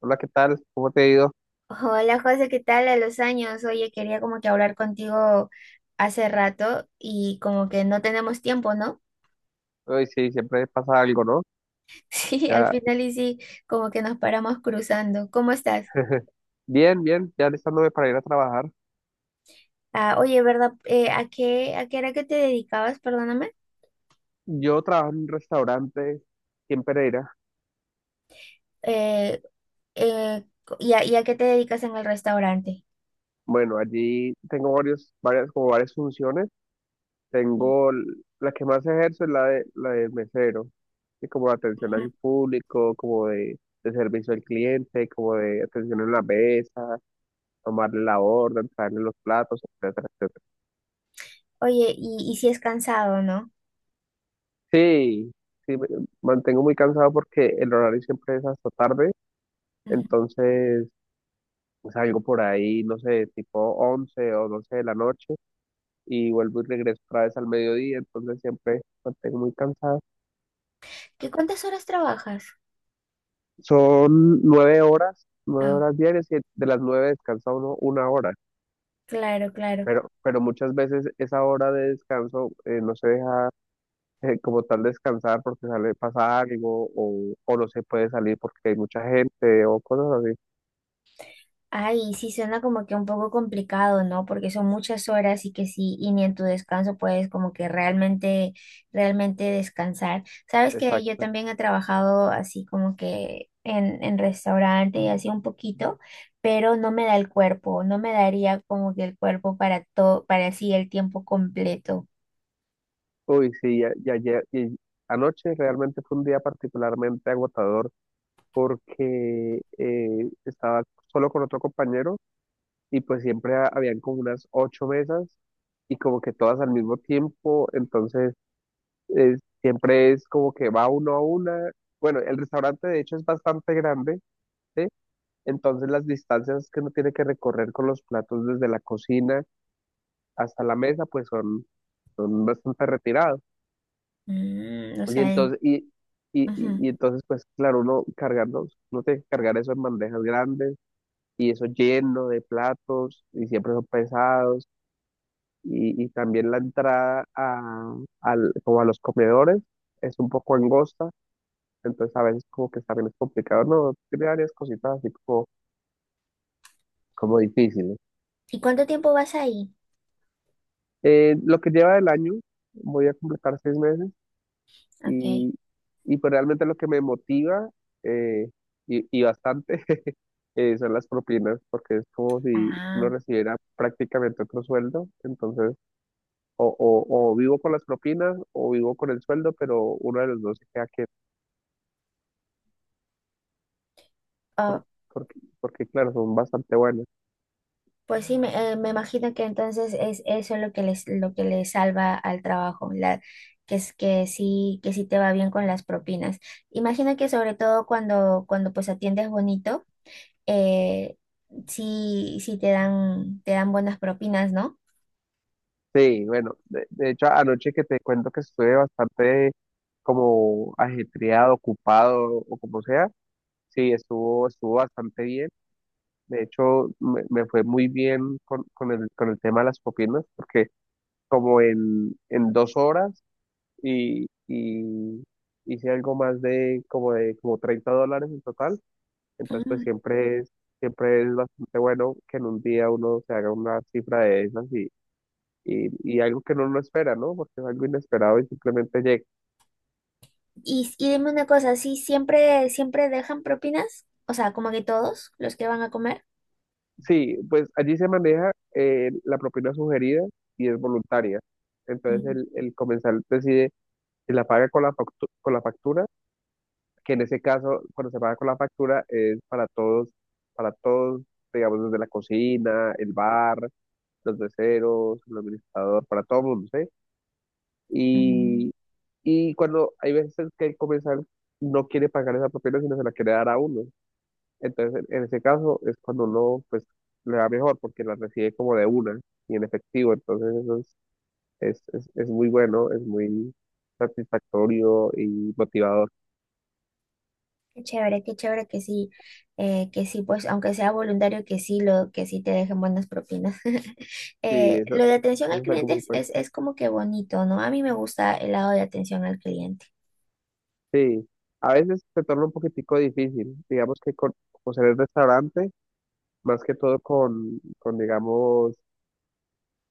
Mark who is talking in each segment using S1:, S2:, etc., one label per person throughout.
S1: Hola, ¿qué tal? ¿Cómo te ha ido?
S2: Hola José, ¿qué tal a los años? Oye, quería como que hablar contigo hace rato y como que no tenemos tiempo, ¿no?
S1: Hoy sí, siempre pasa algo, ¿no?
S2: Sí, al
S1: Ya,
S2: final y sí, como que nos paramos cruzando. ¿Cómo estás?
S1: bien, bien, ya listándome para ir a trabajar.
S2: Ah, oye, ¿verdad? ¿A qué era que te dedicabas? Perdóname.
S1: Yo trabajo en un restaurante aquí en Pereira.
S2: Eh, eh, y a qué te dedicas en el restaurante?
S1: Bueno, allí tengo varios, varias, como varias funciones. Tengo l- la que más ejerzo es la de mesero, y como de atención
S2: Ujú.
S1: al público, como de servicio al cliente, como de atención en la mesa, tomarle la orden, traerle los platos, etcétera, etcétera.
S2: Oye, y si es cansado, ¿no?
S1: Sí, sí, mantengo muy cansado porque el horario siempre es hasta tarde,
S2: Ujú.
S1: entonces pues, salgo por ahí, no sé, tipo 11 o 12 de la noche y vuelvo y regreso otra vez al mediodía, entonces siempre mantengo muy cansado.
S2: ¿Qué cuántas horas trabajas?
S1: Son nueve horas, nueve
S2: Ah,
S1: horas diarias y de las nueve descansa uno una hora,
S2: claro, claro.
S1: pero muchas veces esa hora de descanso no se deja como tal descansar porque sale, pasa algo o no se puede salir porque hay mucha gente o cosas así.
S2: Ay, sí, suena como que un poco complicado, ¿no? Porque son muchas horas y que sí, y ni en tu descanso puedes como que realmente descansar. Sabes que yo
S1: Exacto.
S2: también he trabajado así como que en restaurante y así un poquito, pero no me da el cuerpo, no me daría como que el cuerpo para todo, para así el tiempo completo.
S1: Uy, sí, y anoche realmente fue un día particularmente agotador porque estaba solo con otro compañero y pues siempre habían como unas ocho mesas y como que todas al mismo tiempo, entonces eh, siempre es como que va uno a una. Bueno, el restaurante de hecho es bastante grande, ¿sí? Entonces las distancias que uno tiene que recorrer con los platos desde la cocina hasta la mesa pues son bastante retirados.
S2: O
S1: Oye,
S2: sea,
S1: entonces, y, y, y,
S2: ujú.
S1: y entonces, pues claro, uno cargarnos, no tiene que cargar eso en bandejas grandes y eso lleno de platos y siempre son pesados y, también la entrada como a los comedores es un poco angosta, entonces a veces como que también es complicado, ¿no? Tiene varias cositas así como difíciles.
S2: ¿Y cuánto tiempo vas ahí?
S1: Lo que lleva del año, voy a completar 6 meses
S2: Ok.
S1: y, pues realmente lo que me motiva, eh, y bastante, son las propinas, porque es como si uno recibiera prácticamente otro sueldo, entonces o vivo con las propinas o vivo con el sueldo, pero uno de los dos se queda que,
S2: Ah.
S1: por- porque claro, son bastante buenos.
S2: Pues sí, me imagino que entonces es eso lo que les salva al trabajo, que es que sí te va bien con las propinas. Imagino que sobre todo cuando pues atiendes bonito, eh, sí, sí te dan buenas propinas, ¿no?
S1: Sí, bueno, de hecho anoche que te cuento que estuve bastante como ajetreado, ocupado o como sea, sí, estuvo bastante bien. De hecho, me fue muy bien con el tema de las propinas, porque como en 2 horas y, hice algo más de como $30 en total. Entonces, pues
S2: Mm.
S1: siempre es bastante bueno que en un día uno se haga una cifra de esas y, y algo que uno no espera, ¿no? Porque es algo inesperado y simplemente llega.
S2: Y dime una cosa, ¿sí siempre dejan propinas? O sea, como que todos los que van a comer.
S1: Sí, pues allí se maneja la propina sugerida y es voluntaria. Entonces
S2: Mm,
S1: el comensal decide si la paga con la factura, que en ese caso, cuando se paga con la factura, es para todos, digamos, desde la cocina, el bar, los meseros, el administrador, para todo el mundo, ¿sí?
S2: mm.
S1: Y, cuando hay veces que el comensal no quiere pagar esa propina, sino se la quiere dar a uno. Entonces, en ese caso, es cuando uno, pues, le va mejor, porque la recibe como de una y en efectivo. Entonces, eso es muy bueno, es muy satisfactorio y motivador.
S2: Qué chévere que sí, pues, aunque sea voluntario, que sí, que sí te dejen buenas propinas.
S1: Sí,
S2: Eh,
S1: eso,
S2: lo de atención al
S1: eso es algo
S2: cliente
S1: muy
S2: es,
S1: bueno.
S2: es, es como que bonito, ¿no? A mí me gusta el lado de atención al cliente.
S1: Sí, a veces se torna un poquitico difícil, digamos que con, como ser el restaurante, más que todo con digamos,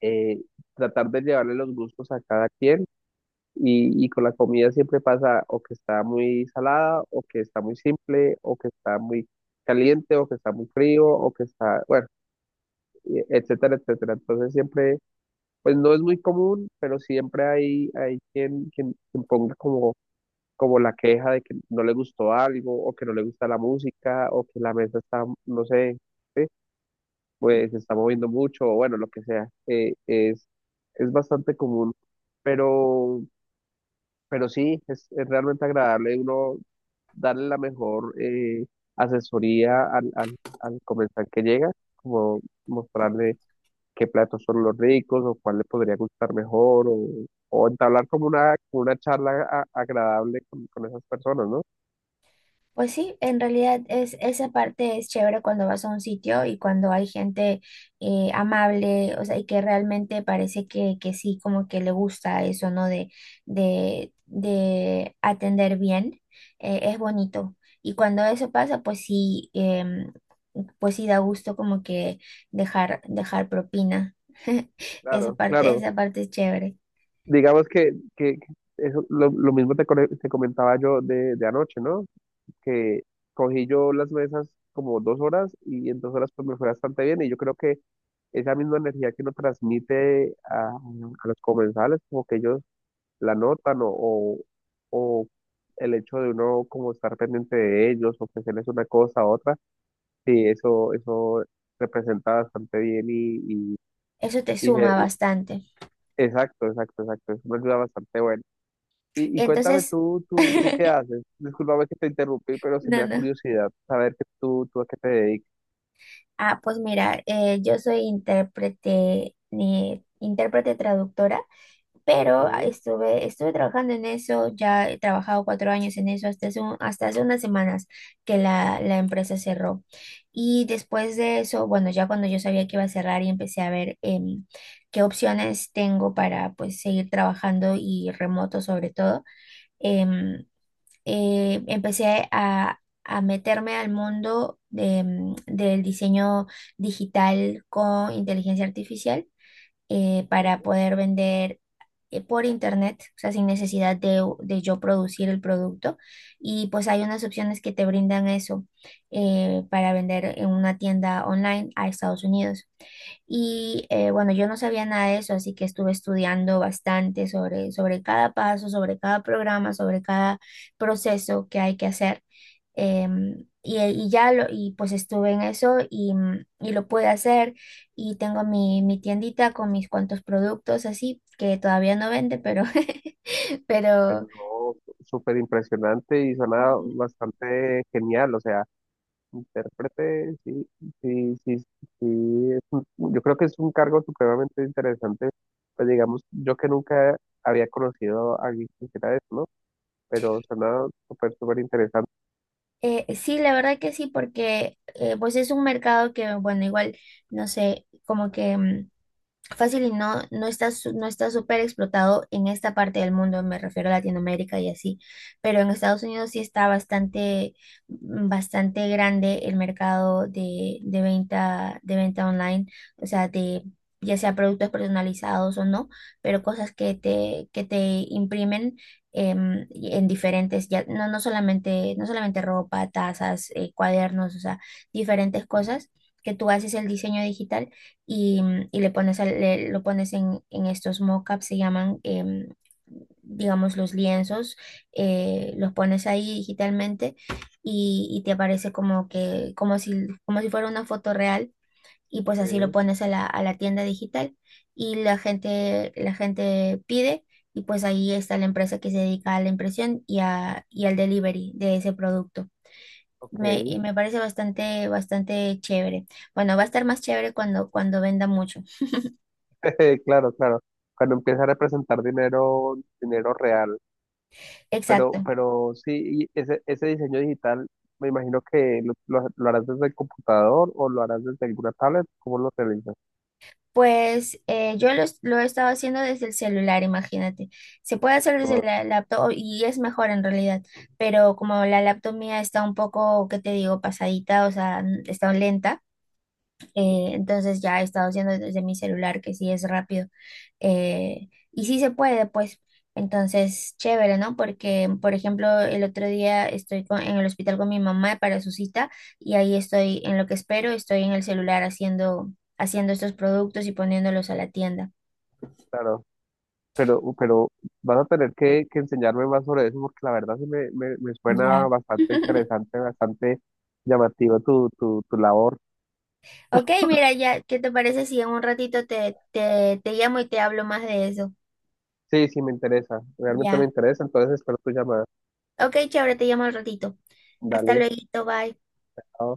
S1: eh, tratar de llevarle los gustos a cada quien y, con la comida siempre pasa o que está muy salada, o que está muy simple, o que está muy caliente, o que está muy frío, o que está, bueno, y etcétera, etcétera. Entonces siempre, pues no es muy común, pero siempre hay quien ponga como la queja de que no le gustó algo, o que no le gusta la música, o que la mesa está, no sé, ¿sí? Pues se está moviendo mucho, o bueno, lo que sea, es bastante común, pero, sí, es realmente agradable uno darle la mejor asesoría al comensal que llega, como mostrarle qué platos son los ricos, o cuál le podría gustar mejor, o entablar como una charla agradable con esas personas, ¿no?
S2: Pues sí, en realidad es esa parte es chévere cuando vas a un sitio y cuando hay gente amable, o sea, y que realmente parece que sí, como que le gusta eso, ¿no? De atender bien, es bonito. Y cuando eso pasa, pues sí, pues sí da gusto como que dejar propina. Esa
S1: Claro,
S2: parte,
S1: claro.
S2: esa parte es chévere.
S1: Digamos que eso, lo mismo te comentaba yo de anoche, ¿no? Que cogí yo las mesas como 2 horas y en 2 horas pues me fue bastante bien y yo creo que esa misma energía que uno transmite a los comensales, como que ellos la notan o el hecho de uno como estar pendiente de ellos, ofrecerles una cosa a otra, sí, eso representa bastante bien y, y,
S2: Eso te
S1: y se-
S2: suma
S1: y-
S2: bastante.
S1: exacto, exacto, exacto, es una ayuda bastante buena. Y, cuéntame
S2: Entonces,
S1: tú qué haces. Discúlpame que te interrumpí, pero sí me
S2: no,
S1: da
S2: no.
S1: curiosidad saber que tú a qué te dedicas.
S2: Ah, pues mira, yo soy intérprete, ni intérprete traductora, pero
S1: ¿Eh?
S2: estuve trabajando en eso, ya he trabajado 4 años en eso hasta hace unas semanas que la empresa cerró. Y después de eso, bueno, ya cuando yo sabía que iba a cerrar y empecé a ver qué opciones tengo para pues seguir trabajando y remoto sobre todo, em, empecé a meterme al mundo del diseño digital con inteligencia artificial para poder vender por internet, o sea, sin necesidad de yo producir el producto. Y pues hay unas opciones que te brindan eso para vender en una tienda online a Estados Unidos. Y bueno, yo no sabía nada de eso, así que estuve estudiando bastante sobre cada paso, sobre cada programa, sobre cada proceso que hay que hacer. Y pues estuve en eso y lo pude hacer. Y tengo mi tiendita con mis cuantos productos así, que todavía no vende, pero,
S1: Pero
S2: pero
S1: no, súper impresionante y suena bastante genial. O sea, intérprete, sí, sí, sí, sí. Yo creo que es un cargo supremamente interesante. Pues digamos, yo que nunca había conocido a alguien que hiciera eso, ¿no? Pero suena súper, súper interesante.
S2: sí, la verdad que sí, porque pues es un mercado que, bueno, igual, no sé, como que fácil y no, no está súper explotado en esta parte del mundo, me refiero a Latinoamérica y así, pero en Estados Unidos sí está bastante grande el mercado de venta online, o sea, de ya sea productos personalizados o no, pero cosas que te imprimen y en diferentes, ya, no, no solamente ropa, tazas, cuadernos, o sea, diferentes cosas que tú haces el diseño digital y le pones lo pones en estos mockups, se llaman, digamos, los lienzos, los pones ahí digitalmente y te aparece como que, como si fuera una foto real y pues así lo
S1: ¿Eh?
S2: pones a la tienda digital y la gente pide y pues ahí está la empresa que se dedica a la impresión y al delivery de ese producto.
S1: Ok,
S2: Y me parece bastante chévere. Bueno, va a estar más chévere cuando venda mucho.
S1: claro, claro. Cuando empieza a representar dinero, dinero real. Pero,
S2: Exacto.
S1: sí, y ese diseño digital, me imagino que lo harás desde el computador o lo harás desde alguna tablet, ¿cómo lo realizas?
S2: Pues lo he estado haciendo desde el celular, imagínate. Se puede hacer desde
S1: No,
S2: la laptop y es mejor en realidad, pero como la laptop mía está un poco, ¿qué te digo?, pasadita, o sea, está lenta, entonces ya he estado haciendo desde mi celular, que sí es rápido. Y sí se puede, pues, entonces, chévere, ¿no? Porque, por ejemplo, el otro día estoy en el hospital con mi mamá para su cita y ahí estoy en lo que espero, estoy en el celular haciendo estos productos y poniéndolos a la tienda.
S1: claro, pero, vas a tener que enseñarme más sobre eso porque la verdad sí me suena
S2: Ya.
S1: bastante interesante, bastante llamativo tu labor.
S2: Ok, mira, ya, ¿qué te parece si en un ratito te llamo y te hablo más de eso?
S1: Sí, sí, me interesa, realmente me
S2: Ya.
S1: interesa, entonces espero tu llamada.
S2: Ok, chévere, te llamo al ratito. Hasta
S1: Dale.
S2: luego, bye.
S1: Chao.